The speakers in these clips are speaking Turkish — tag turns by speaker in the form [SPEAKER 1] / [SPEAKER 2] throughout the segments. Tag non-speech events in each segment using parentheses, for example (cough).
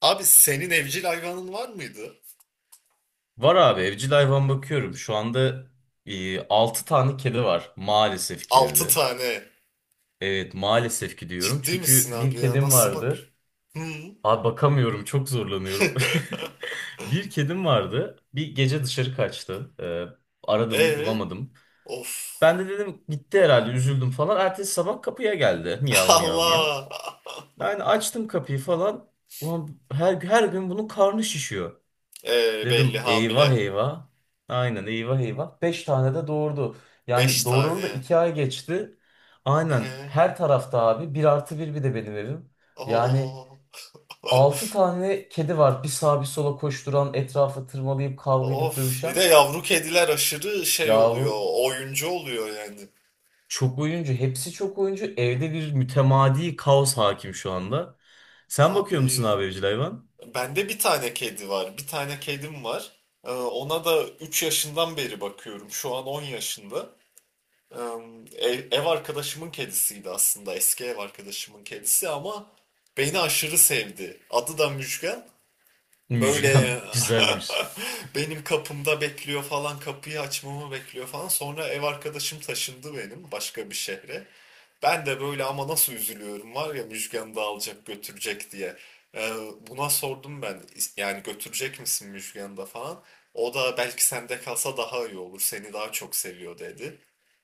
[SPEAKER 1] Abi senin evcil hayvanın var mıydı?
[SPEAKER 2] Var abi evcil hayvan bakıyorum. Şu anda 6 tane kedi var maalesef ki
[SPEAKER 1] Altı
[SPEAKER 2] evde.
[SPEAKER 1] tane.
[SPEAKER 2] Evet maalesef ki diyorum.
[SPEAKER 1] Ciddi misin
[SPEAKER 2] Çünkü bir
[SPEAKER 1] abi ya?
[SPEAKER 2] kedim
[SPEAKER 1] Nasıl bak?
[SPEAKER 2] vardı.
[SPEAKER 1] Hı?
[SPEAKER 2] Abi bakamıyorum, çok zorlanıyorum. (laughs)
[SPEAKER 1] (laughs)
[SPEAKER 2] Bir kedim vardı. Bir gece dışarı kaçtı. Aradım
[SPEAKER 1] Ee?
[SPEAKER 2] bulamadım.
[SPEAKER 1] Of.
[SPEAKER 2] Ben de dedim gitti herhalde, üzüldüm falan. Ertesi sabah kapıya geldi.
[SPEAKER 1] (laughs)
[SPEAKER 2] Miyav miyav miyav.
[SPEAKER 1] Allah.
[SPEAKER 2] Yani açtım kapıyı falan. Ulan her gün bunun karnı şişiyor.
[SPEAKER 1] Belli
[SPEAKER 2] Dedim eyvah
[SPEAKER 1] hamile.
[SPEAKER 2] eyvah. Aynen eyvah eyvah. 5 tane de doğurdu.
[SPEAKER 1] Beş
[SPEAKER 2] Yani doğuralı da
[SPEAKER 1] tane.
[SPEAKER 2] 2 ay geçti. Aynen
[SPEAKER 1] Ee?
[SPEAKER 2] her tarafta abi, bir artı bir, bir de benim evim. Yani
[SPEAKER 1] Oo. (laughs)
[SPEAKER 2] 6 tane kedi var. Bir sağa bir sola koşturan, etrafa tırmalayıp kavga edip
[SPEAKER 1] Of. Bir de
[SPEAKER 2] dövüşen.
[SPEAKER 1] yavru kediler aşırı şey oluyor.
[SPEAKER 2] Yavru
[SPEAKER 1] Oyuncu oluyor yani.
[SPEAKER 2] çok oyuncu. Hepsi çok oyuncu. Evde bir mütemadi kaos hakim şu anda. Sen bakıyor musun
[SPEAKER 1] Abi.
[SPEAKER 2] abi evcil hayvan?
[SPEAKER 1] Bende bir tane kedi var. Bir tane kedim var. Ona da 3 yaşından beri bakıyorum. Şu an 10 yaşında. Ev arkadaşımın kedisiydi aslında. Eski ev arkadaşımın kedisi ama beni aşırı sevdi. Adı da Müjgan. Böyle
[SPEAKER 2] Müjgan (laughs) güzelmiş.
[SPEAKER 1] (laughs) benim kapımda bekliyor falan, kapıyı açmamı bekliyor falan. Sonra ev arkadaşım taşındı benim başka bir şehre. Ben de böyle ama nasıl üzülüyorum var ya Müjgan'ı da alacak götürecek diye. Ee, buna sordum ben yani götürecek misin Müjgan'ı da falan. O da belki sende kalsa daha iyi olur, seni daha çok seviyor dedi.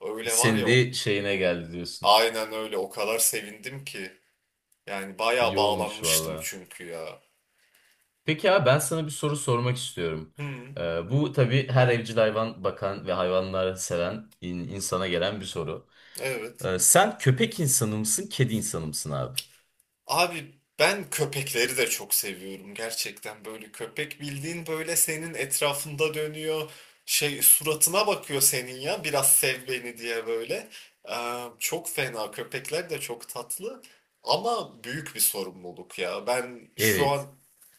[SPEAKER 1] Öyle var
[SPEAKER 2] Senin
[SPEAKER 1] ya.
[SPEAKER 2] de şeyine geldi diyorsun.
[SPEAKER 1] Aynen öyle. O kadar sevindim ki. Yani bayağı
[SPEAKER 2] İyi olmuş
[SPEAKER 1] bağlanmıştım
[SPEAKER 2] vallahi.
[SPEAKER 1] çünkü ya.
[SPEAKER 2] Peki abi, ben sana bir soru sormak istiyorum.
[SPEAKER 1] Hmm,
[SPEAKER 2] Bu tabii her evcil hayvan bakan ve hayvanları seven insana gelen bir soru.
[SPEAKER 1] evet.
[SPEAKER 2] Sen köpek insanı mısın, kedi insanı mısın abi?
[SPEAKER 1] Abi ben köpekleri de çok seviyorum gerçekten. Böyle köpek bildiğin böyle senin etrafında dönüyor. Şey suratına bakıyor senin ya biraz sev beni diye böyle. Çok fena. Köpekler de çok tatlı. Ama büyük bir sorumluluk ya. Ben şu an
[SPEAKER 2] Evet.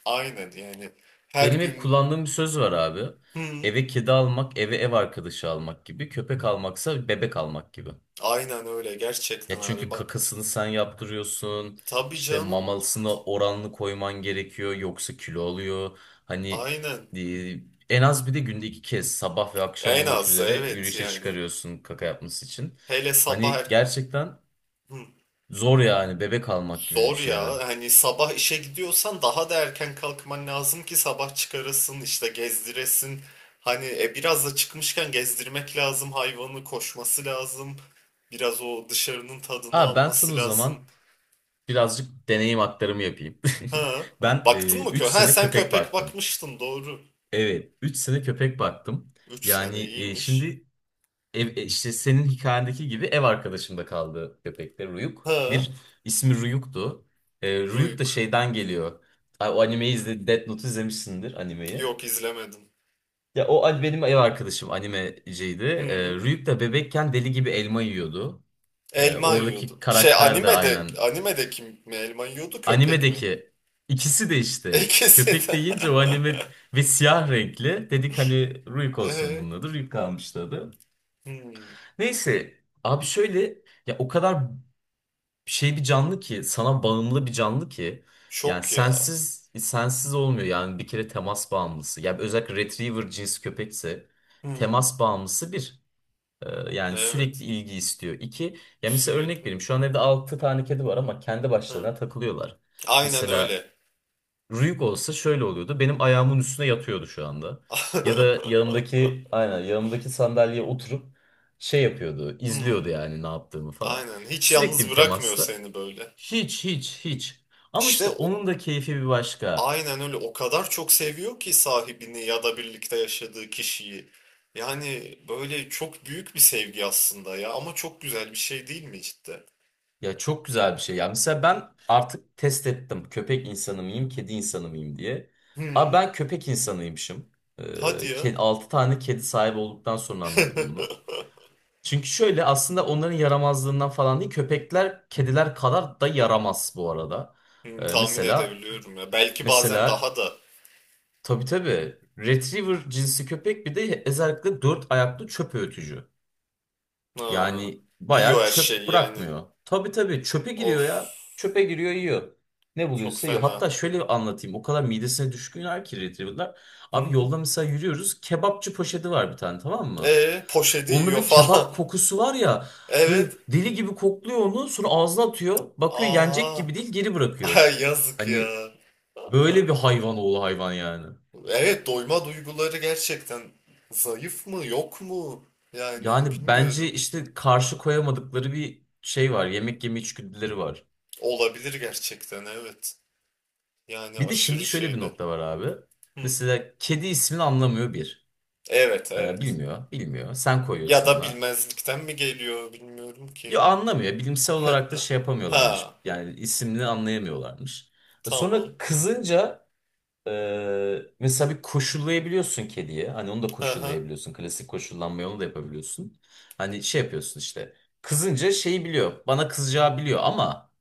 [SPEAKER 1] aynen yani her
[SPEAKER 2] Benim hep
[SPEAKER 1] gün.
[SPEAKER 2] kullandığım bir söz var abi.
[SPEAKER 1] Hmm,
[SPEAKER 2] Eve kedi almak, eve ev arkadaşı almak gibi; köpek almaksa bebek almak gibi.
[SPEAKER 1] aynen öyle gerçekten
[SPEAKER 2] Ya,
[SPEAKER 1] abi
[SPEAKER 2] çünkü
[SPEAKER 1] bak.
[SPEAKER 2] kakasını sen yaptırıyorsun.
[SPEAKER 1] Tabii
[SPEAKER 2] İşte
[SPEAKER 1] canım.
[SPEAKER 2] mamalısına oranlı koyman gerekiyor, yoksa kilo alıyor. Hani
[SPEAKER 1] Aynen.
[SPEAKER 2] e, en az bir de günde iki kez, sabah ve akşam
[SPEAKER 1] En
[SPEAKER 2] olmak
[SPEAKER 1] azı
[SPEAKER 2] üzere
[SPEAKER 1] evet
[SPEAKER 2] yürüyüşe
[SPEAKER 1] yani.
[SPEAKER 2] çıkarıyorsun kaka yapması için.
[SPEAKER 1] Hele sabah
[SPEAKER 2] Hani
[SPEAKER 1] er-
[SPEAKER 2] gerçekten
[SPEAKER 1] Hı,
[SPEAKER 2] zor yani, bebek almak gibi bir
[SPEAKER 1] zor
[SPEAKER 2] şey eve.
[SPEAKER 1] ya. Hani sabah işe gidiyorsan daha da erken kalkman lazım ki sabah çıkarasın işte gezdiresin. Hani biraz da çıkmışken gezdirmek lazım. Hayvanı koşması lazım. Biraz o dışarının tadını
[SPEAKER 2] Aa, ben sana
[SPEAKER 1] alması
[SPEAKER 2] o
[SPEAKER 1] lazım.
[SPEAKER 2] zaman birazcık deneyim aktarımı yapayım. (laughs)
[SPEAKER 1] Ha.
[SPEAKER 2] Ben
[SPEAKER 1] Baktın mı
[SPEAKER 2] 3
[SPEAKER 1] köpek? Ha
[SPEAKER 2] sene
[SPEAKER 1] sen
[SPEAKER 2] köpek
[SPEAKER 1] köpek
[SPEAKER 2] baktım.
[SPEAKER 1] bakmıştın doğru.
[SPEAKER 2] Evet, 3 sene köpek baktım.
[SPEAKER 1] 3 sene
[SPEAKER 2] Yani
[SPEAKER 1] iyiymiş.
[SPEAKER 2] şimdi işte senin hikayendeki gibi ev arkadaşımda kaldı köpekte Ruyuk.
[SPEAKER 1] Ha.
[SPEAKER 2] Bir, ismi Ruyuk'tu. Ruyuk da
[SPEAKER 1] Duyuk.
[SPEAKER 2] şeyden geliyor. Ay, o animeyi izle, Death Note izlemişsindir animeyi.
[SPEAKER 1] Yok izlemedim.
[SPEAKER 2] Ya benim ev arkadaşım animeciydi.
[SPEAKER 1] Hı.
[SPEAKER 2] Ruyuk da bebekken deli gibi elma yiyordu. E,
[SPEAKER 1] Elma
[SPEAKER 2] oradaki
[SPEAKER 1] yiyordu. Şey
[SPEAKER 2] karakter de
[SPEAKER 1] animede
[SPEAKER 2] aynen.
[SPEAKER 1] animede kim mi elma yiyordu köpek mi?
[SPEAKER 2] Animedeki ikisi de
[SPEAKER 1] (laughs)
[SPEAKER 2] işte,
[SPEAKER 1] İkisi
[SPEAKER 2] köpek de
[SPEAKER 1] de.
[SPEAKER 2] yiyince o
[SPEAKER 1] (laughs)
[SPEAKER 2] anime ve siyah renkli. Dedik hani Ruyuk olsun
[SPEAKER 1] Ee,
[SPEAKER 2] bunun adı. Ruyuk kalmıştı adı.
[SPEAKER 1] hmm,
[SPEAKER 2] Neyse abi, şöyle: ya o kadar şey bir canlı ki, sana bağımlı bir canlı ki, yani
[SPEAKER 1] çok ya.
[SPEAKER 2] sensiz sensiz olmuyor, yani bir kere temas bağımlısı. Yani özellikle retriever cins köpekse
[SPEAKER 1] Hmm,
[SPEAKER 2] temas bağımlısı bir yani sürekli
[SPEAKER 1] evet
[SPEAKER 2] ilgi istiyor. İki, ya mesela örnek
[SPEAKER 1] sürekli.
[SPEAKER 2] vereyim, şu an evde 6 tane kedi var ama kendi
[SPEAKER 1] Hı.
[SPEAKER 2] başlarına takılıyorlar.
[SPEAKER 1] Aynen
[SPEAKER 2] Mesela
[SPEAKER 1] öyle.
[SPEAKER 2] Rüyük olsa şöyle oluyordu. Benim ayağımın üstüne yatıyordu şu anda. Ya da
[SPEAKER 1] (laughs)
[SPEAKER 2] yanımdaki, aynen yanımdaki sandalyeye oturup şey yapıyordu, izliyordu
[SPEAKER 1] Hmm,
[SPEAKER 2] yani ne yaptığımı falan.
[SPEAKER 1] aynen hiç
[SPEAKER 2] Sürekli
[SPEAKER 1] yalnız
[SPEAKER 2] bir
[SPEAKER 1] bırakmıyor
[SPEAKER 2] temasta.
[SPEAKER 1] seni böyle.
[SPEAKER 2] Hiç hiç hiç. Ama işte
[SPEAKER 1] İşte o,
[SPEAKER 2] onun da keyfi bir başka.
[SPEAKER 1] aynen öyle o kadar çok seviyor ki sahibini ya da birlikte yaşadığı kişiyi. Yani böyle çok büyük bir sevgi aslında ya ama çok güzel bir şey değil mi cidden?
[SPEAKER 2] Ya çok güzel bir şey. Ya mesela ben artık test ettim, köpek insanı mıyım, kedi insanı mıyım diye. Abi
[SPEAKER 1] Hı,
[SPEAKER 2] ben köpek insanıymışım.
[SPEAKER 1] hadi ya.
[SPEAKER 2] 6 tane kedi sahibi olduktan sonra anladım bunu.
[SPEAKER 1] (laughs)
[SPEAKER 2] Çünkü şöyle, aslında onların yaramazlığından falan değil. Köpekler kediler kadar da yaramaz bu arada.
[SPEAKER 1] Hmm,
[SPEAKER 2] Ee,
[SPEAKER 1] tahmin
[SPEAKER 2] mesela
[SPEAKER 1] edebiliyorum ya. Belki bazen
[SPEAKER 2] mesela
[SPEAKER 1] daha da.
[SPEAKER 2] tabii tabii Retriever cinsi köpek, bir de özellikle dört ayaklı çöp öğütücü.
[SPEAKER 1] Ha,
[SPEAKER 2] Yani bayağı
[SPEAKER 1] yiyor her
[SPEAKER 2] çöp
[SPEAKER 1] şeyi yani.
[SPEAKER 2] bırakmıyor. Tabii tabii çöpe
[SPEAKER 1] Of.
[SPEAKER 2] giriyor ya. Çöpe giriyor, yiyor. Ne
[SPEAKER 1] Çok
[SPEAKER 2] buluyorsa yiyor.
[SPEAKER 1] fena.
[SPEAKER 2] Hatta şöyle anlatayım: o kadar midesine düşkünler ki Retriever'lar.
[SPEAKER 1] Hı
[SPEAKER 2] Abi
[SPEAKER 1] hı.
[SPEAKER 2] yolda mesela yürüyoruz. Kebapçı poşeti var bir tane, tamam mı?
[SPEAKER 1] E poşeti
[SPEAKER 2] Onda
[SPEAKER 1] yiyor
[SPEAKER 2] bir
[SPEAKER 1] falan.
[SPEAKER 2] kebap
[SPEAKER 1] (laughs)
[SPEAKER 2] kokusu var ya. Böyle
[SPEAKER 1] Evet.
[SPEAKER 2] deli gibi kokluyor onu. Sonra ağzına atıyor. Bakıyor yenecek
[SPEAKER 1] Aa.
[SPEAKER 2] gibi değil, geri bırakıyor.
[SPEAKER 1] Ay, yazık
[SPEAKER 2] Hani
[SPEAKER 1] ya.
[SPEAKER 2] böyle bir hayvan oğlu hayvan yani.
[SPEAKER 1] Evet doyma duyguları gerçekten zayıf mı yok mu? Yani
[SPEAKER 2] Yani bence
[SPEAKER 1] bilmiyorum.
[SPEAKER 2] işte, karşı koyamadıkları bir şey var. Yemek yeme içgüdüleri var.
[SPEAKER 1] Olabilir gerçekten evet. Yani
[SPEAKER 2] Bir de şimdi
[SPEAKER 1] aşırı
[SPEAKER 2] şöyle bir
[SPEAKER 1] şeyler.
[SPEAKER 2] nokta var abi.
[SPEAKER 1] Hı.
[SPEAKER 2] Mesela kedi ismini anlamıyor, bir.
[SPEAKER 1] Evet
[SPEAKER 2] Ee,
[SPEAKER 1] evet.
[SPEAKER 2] bilmiyor, bilmiyor. Sen
[SPEAKER 1] Ya
[SPEAKER 2] koyuyorsun
[SPEAKER 1] da
[SPEAKER 2] ona.
[SPEAKER 1] bilmezlikten mi geliyor bilmiyorum ki.
[SPEAKER 2] Ya anlamıyor. Bilimsel olarak
[SPEAKER 1] (laughs)
[SPEAKER 2] da şey yapamıyorlarmış.
[SPEAKER 1] Ha.
[SPEAKER 2] Yani ismini anlayamıyorlarmış.
[SPEAKER 1] Tamam.
[SPEAKER 2] Sonra kızınca. Mesela bir koşullayabiliyorsun kediye. Hani onu da
[SPEAKER 1] Hı hı.
[SPEAKER 2] koşullayabiliyorsun. Klasik koşullanmayı onu da yapabiliyorsun. Hani şey yapıyorsun işte. Kızınca şeyi biliyor. Bana kızacağı biliyor, ama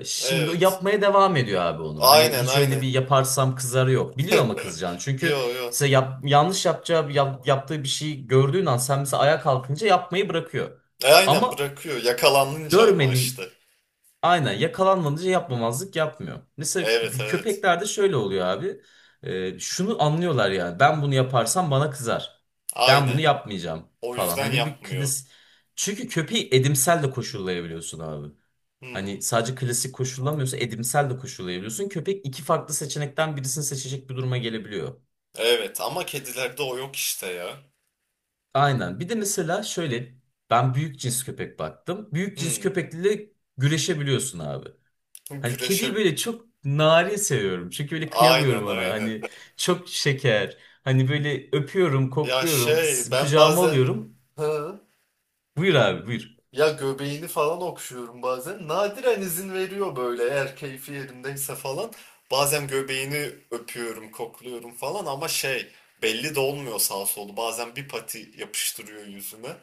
[SPEAKER 2] şimdi o
[SPEAKER 1] Evet.
[SPEAKER 2] yapmaya devam ediyor abi onu. Hani
[SPEAKER 1] Aynen
[SPEAKER 2] hiç öyle bir
[SPEAKER 1] aynen.
[SPEAKER 2] yaparsam kızar, yok. Biliyor ama kızacağını.
[SPEAKER 1] (laughs)
[SPEAKER 2] Çünkü
[SPEAKER 1] Yo yo.
[SPEAKER 2] mesela yanlış yapacağı, yaptığı bir şey gördüğün an, sen mesela ayağa kalkınca yapmayı bırakıyor.
[SPEAKER 1] E, aynen
[SPEAKER 2] Ama
[SPEAKER 1] bırakıyor. Yakalanınca ama
[SPEAKER 2] görmediğin,
[SPEAKER 1] işte.
[SPEAKER 2] aynen, yakalanmadıca yapmamazlık yapmıyor. Mesela
[SPEAKER 1] Evet evet.
[SPEAKER 2] köpeklerde şöyle oluyor abi. Şunu anlıyorlar yani: ben bunu yaparsam bana kızar. Ben bunu
[SPEAKER 1] Aynen.
[SPEAKER 2] yapmayacağım
[SPEAKER 1] O
[SPEAKER 2] falan. Hani
[SPEAKER 1] yüzden
[SPEAKER 2] bir
[SPEAKER 1] yapmıyor.
[SPEAKER 2] klas... Çünkü köpeği edimsel de koşullayabiliyorsun abi. Hani
[SPEAKER 1] Hmm.
[SPEAKER 2] sadece klasik koşullamıyorsa, edimsel de koşullayabiliyorsun. Köpek iki farklı seçenekten birisini seçecek bir duruma gelebiliyor.
[SPEAKER 1] Evet ama kedilerde o yok işte ya.
[SPEAKER 2] Aynen. Bir de mesela şöyle, ben büyük cins köpek baktım. Büyük cins
[SPEAKER 1] Hmm.
[SPEAKER 2] köpekle güreşebiliyorsun abi. Hani kediyi
[SPEAKER 1] Güreşe.
[SPEAKER 2] böyle çok narin seviyorum. Çünkü böyle
[SPEAKER 1] Aynen
[SPEAKER 2] kıyamıyorum ona.
[SPEAKER 1] aynen.
[SPEAKER 2] Hani
[SPEAKER 1] (laughs)
[SPEAKER 2] çok şeker. Hani böyle öpüyorum,
[SPEAKER 1] Ya
[SPEAKER 2] kokluyorum,
[SPEAKER 1] şey ben
[SPEAKER 2] kucağıma
[SPEAKER 1] bazen...
[SPEAKER 2] alıyorum.
[SPEAKER 1] Hı?
[SPEAKER 2] Buyur abi, buyur.
[SPEAKER 1] Ya göbeğini falan okşuyorum bazen. Nadiren izin veriyor böyle eğer keyfi yerindeyse falan. Bazen göbeğini öpüyorum, kokluyorum falan ama şey belli de olmuyor sağ solu. Bazen bir pati yapıştırıyor yüzüme.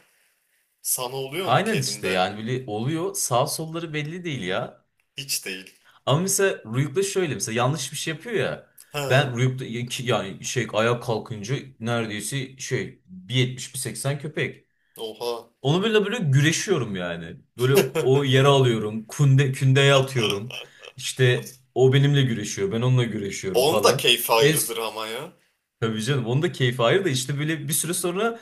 [SPEAKER 1] Sana oluyor mu
[SPEAKER 2] Aynen işte,
[SPEAKER 1] kedinde?
[SPEAKER 2] yani böyle oluyor. Sağ solları belli değil ya.
[SPEAKER 1] Hiç değil.
[SPEAKER 2] Ama mesela Rüyuk'ta şöyle, mesela yanlış bir şey yapıyor ya.
[SPEAKER 1] Ha?
[SPEAKER 2] Ben Rüyuk'ta yani şey, ayağa kalkınca neredeyse şey bir yetmiş, bir 1.80 köpek.
[SPEAKER 1] Oha.
[SPEAKER 2] Onu böyle böyle güreşiyorum yani. Böyle o yere
[SPEAKER 1] (laughs)
[SPEAKER 2] alıyorum. Kündeye atıyorum. İşte o benimle güreşiyor, ben onunla güreşiyorum
[SPEAKER 1] Onun da
[SPEAKER 2] falan.
[SPEAKER 1] keyfi
[SPEAKER 2] İşte
[SPEAKER 1] ayrıdır ama ya.
[SPEAKER 2] tabii canım onun da keyfi ayrı da, işte böyle bir süre sonra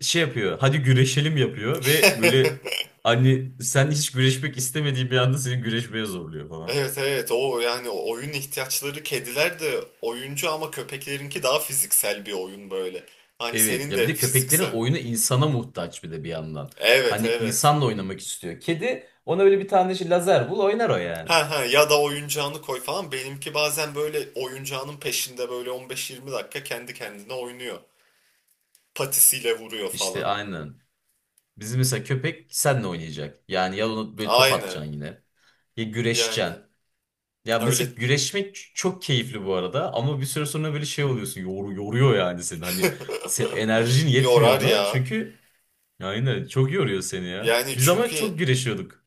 [SPEAKER 2] şey yapıyor. Hadi güreşelim yapıyor ve böyle,
[SPEAKER 1] (laughs)
[SPEAKER 2] hani sen hiç güreşmek istemediğin bir anda seni güreşmeye zorluyor falan.
[SPEAKER 1] Evet evet o yani oyun ihtiyaçları kediler de oyuncu ama köpeklerinki daha fiziksel bir oyun böyle. Hani
[SPEAKER 2] Evet
[SPEAKER 1] senin
[SPEAKER 2] ya, bir
[SPEAKER 1] de
[SPEAKER 2] de köpeklerin
[SPEAKER 1] fiziksel.
[SPEAKER 2] oyunu insana muhtaç bir de bir yandan.
[SPEAKER 1] Evet
[SPEAKER 2] Hani
[SPEAKER 1] evet.
[SPEAKER 2] insanla oynamak istiyor. Kedi, ona böyle bir tane şey, lazer bul, oynar o yani.
[SPEAKER 1] Ha ha ya da oyuncağını koy falan. Benimki bazen böyle oyuncağının peşinde böyle 15-20 dakika kendi kendine oynuyor. Patisiyle vuruyor
[SPEAKER 2] İşte
[SPEAKER 1] falan.
[SPEAKER 2] aynen. Bizim mesela köpek seninle oynayacak. Yani ya onu böyle top
[SPEAKER 1] Aynen.
[SPEAKER 2] atacaksın yine, ya güreşeceksin.
[SPEAKER 1] Yani
[SPEAKER 2] Ya
[SPEAKER 1] öyle
[SPEAKER 2] mesela güreşmek çok keyifli bu arada, ama bir süre sonra böyle şey oluyorsun. Yoruyor yani seni. Hani enerjin
[SPEAKER 1] (laughs)
[SPEAKER 2] yetmiyor
[SPEAKER 1] yorar
[SPEAKER 2] ona.
[SPEAKER 1] ya.
[SPEAKER 2] Çünkü aynen çok yoruyor seni ya.
[SPEAKER 1] Yani
[SPEAKER 2] Biz ama çok
[SPEAKER 1] çünkü
[SPEAKER 2] güreşiyorduk.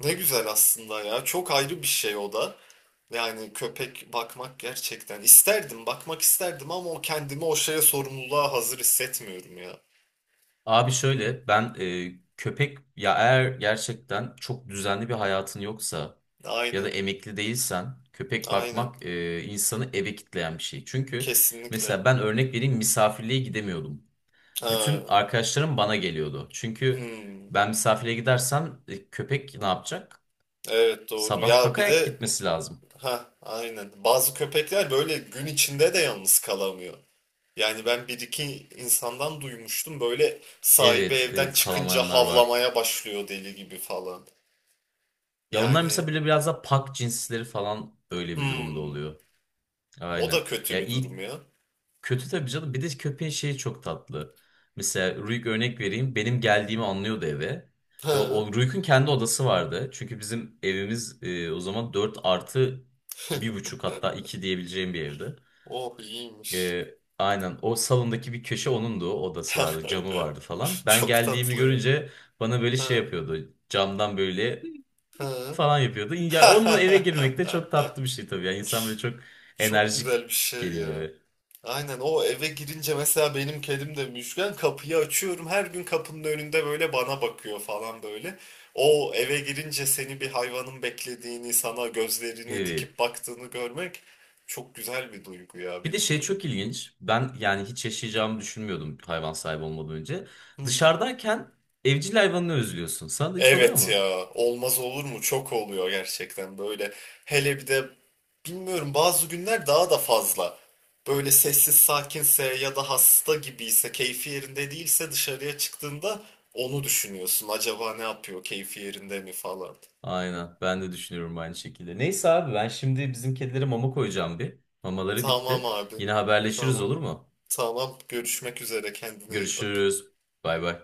[SPEAKER 1] ne güzel aslında ya. Çok ayrı bir şey o da. Yani köpek bakmak gerçekten isterdim, bakmak isterdim ama o kendimi o şeye sorumluluğa hazır hissetmiyorum ya.
[SPEAKER 2] Abi şöyle, ben köpek ya, eğer gerçekten çok düzenli bir hayatın yoksa ya da
[SPEAKER 1] Aynen,
[SPEAKER 2] emekli değilsen, köpek
[SPEAKER 1] aynen.
[SPEAKER 2] bakmak insanı eve kitleyen bir şey. Çünkü
[SPEAKER 1] Kesinlikle.
[SPEAKER 2] mesela ben örnek vereyim, misafirliğe gidemiyordum. Bütün
[SPEAKER 1] Ha.
[SPEAKER 2] arkadaşlarım bana geliyordu. Çünkü
[SPEAKER 1] Hmm.
[SPEAKER 2] ben misafirliğe gidersem köpek ne yapacak?
[SPEAKER 1] Evet doğru.
[SPEAKER 2] Sabah
[SPEAKER 1] Ya bir
[SPEAKER 2] kakayak
[SPEAKER 1] de
[SPEAKER 2] gitmesi lazım.
[SPEAKER 1] ha aynen. Bazı köpekler böyle gün içinde de yalnız kalamıyor. Yani ben bir iki insandan duymuştum böyle sahibi
[SPEAKER 2] Evet,
[SPEAKER 1] evden
[SPEAKER 2] evet,
[SPEAKER 1] çıkınca
[SPEAKER 2] kalamayanlar var.
[SPEAKER 1] havlamaya başlıyor deli gibi falan.
[SPEAKER 2] Ya onlar mesela
[SPEAKER 1] Yani
[SPEAKER 2] böyle biraz da pak cinsleri falan öyle bir durumda
[SPEAKER 1] hmm,
[SPEAKER 2] oluyor.
[SPEAKER 1] o
[SPEAKER 2] Aynen.
[SPEAKER 1] da
[SPEAKER 2] Ya
[SPEAKER 1] kötü bir
[SPEAKER 2] ilk.
[SPEAKER 1] durum ya.
[SPEAKER 2] Kötü tabii canım. Bir de köpeğin şeyi çok tatlı. Mesela Ruik örnek vereyim. Benim geldiğimi anlıyordu eve. Ve o
[SPEAKER 1] Ha,
[SPEAKER 2] o Ruik'un kendi odası vardı. Çünkü bizim evimiz o zaman 4 artı bir buçuk, hatta 2 diyebileceğim bir evdi.
[SPEAKER 1] oh iyiymiş.
[SPEAKER 2] E, aynen, o salondaki bir köşe onundu. O, odası vardı, camı vardı falan.
[SPEAKER 1] (laughs)
[SPEAKER 2] Ben
[SPEAKER 1] Çok
[SPEAKER 2] geldiğimi
[SPEAKER 1] tatlı.
[SPEAKER 2] görünce bana böyle şey
[SPEAKER 1] Ha,
[SPEAKER 2] yapıyordu, camdan böyle
[SPEAKER 1] ha.
[SPEAKER 2] falan yapıyordu. Ya onunla eve girmek de
[SPEAKER 1] (laughs)
[SPEAKER 2] çok tatlı bir şey tabii. Yani insan böyle çok
[SPEAKER 1] Çok
[SPEAKER 2] enerjik
[SPEAKER 1] güzel bir şey
[SPEAKER 2] geliyor
[SPEAKER 1] ya.
[SPEAKER 2] eve.
[SPEAKER 1] Aynen o eve girince mesela benim kedim de müşken kapıyı açıyorum her gün kapının önünde böyle bana bakıyor falan böyle. O eve girince seni bir hayvanın beklediğini sana gözlerini
[SPEAKER 2] Evet.
[SPEAKER 1] dikip baktığını görmek çok güzel bir duygu ya
[SPEAKER 2] Bir de şey
[SPEAKER 1] bilmiyorum.
[SPEAKER 2] çok ilginç. Ben yani hiç yaşayacağımı düşünmüyordum hayvan sahibi olmadan önce.
[SPEAKER 1] Hı hı.
[SPEAKER 2] Dışarıdayken evcil hayvanını özlüyorsun. Sana da hiç oluyor
[SPEAKER 1] Evet
[SPEAKER 2] mu?
[SPEAKER 1] ya olmaz olur mu? Çok oluyor gerçekten böyle. Hele bir de bilmiyorum bazı günler daha da fazla. Böyle sessiz sakinse ya da hasta gibiyse, keyfi yerinde değilse dışarıya çıktığında onu düşünüyorsun. Acaba ne yapıyor? Keyfi yerinde mi falan.
[SPEAKER 2] Aynen. Ben de düşünüyorum aynı şekilde. Neyse abi, ben şimdi bizim kedilere mama koyacağım bir. Mamaları
[SPEAKER 1] Tamam
[SPEAKER 2] bitti.
[SPEAKER 1] abi.
[SPEAKER 2] Yine haberleşiriz,
[SPEAKER 1] Tamam.
[SPEAKER 2] olur mu?
[SPEAKER 1] Tamam. Görüşmek üzere. Kendine iyi bak.
[SPEAKER 2] Görüşürüz. Bay bay.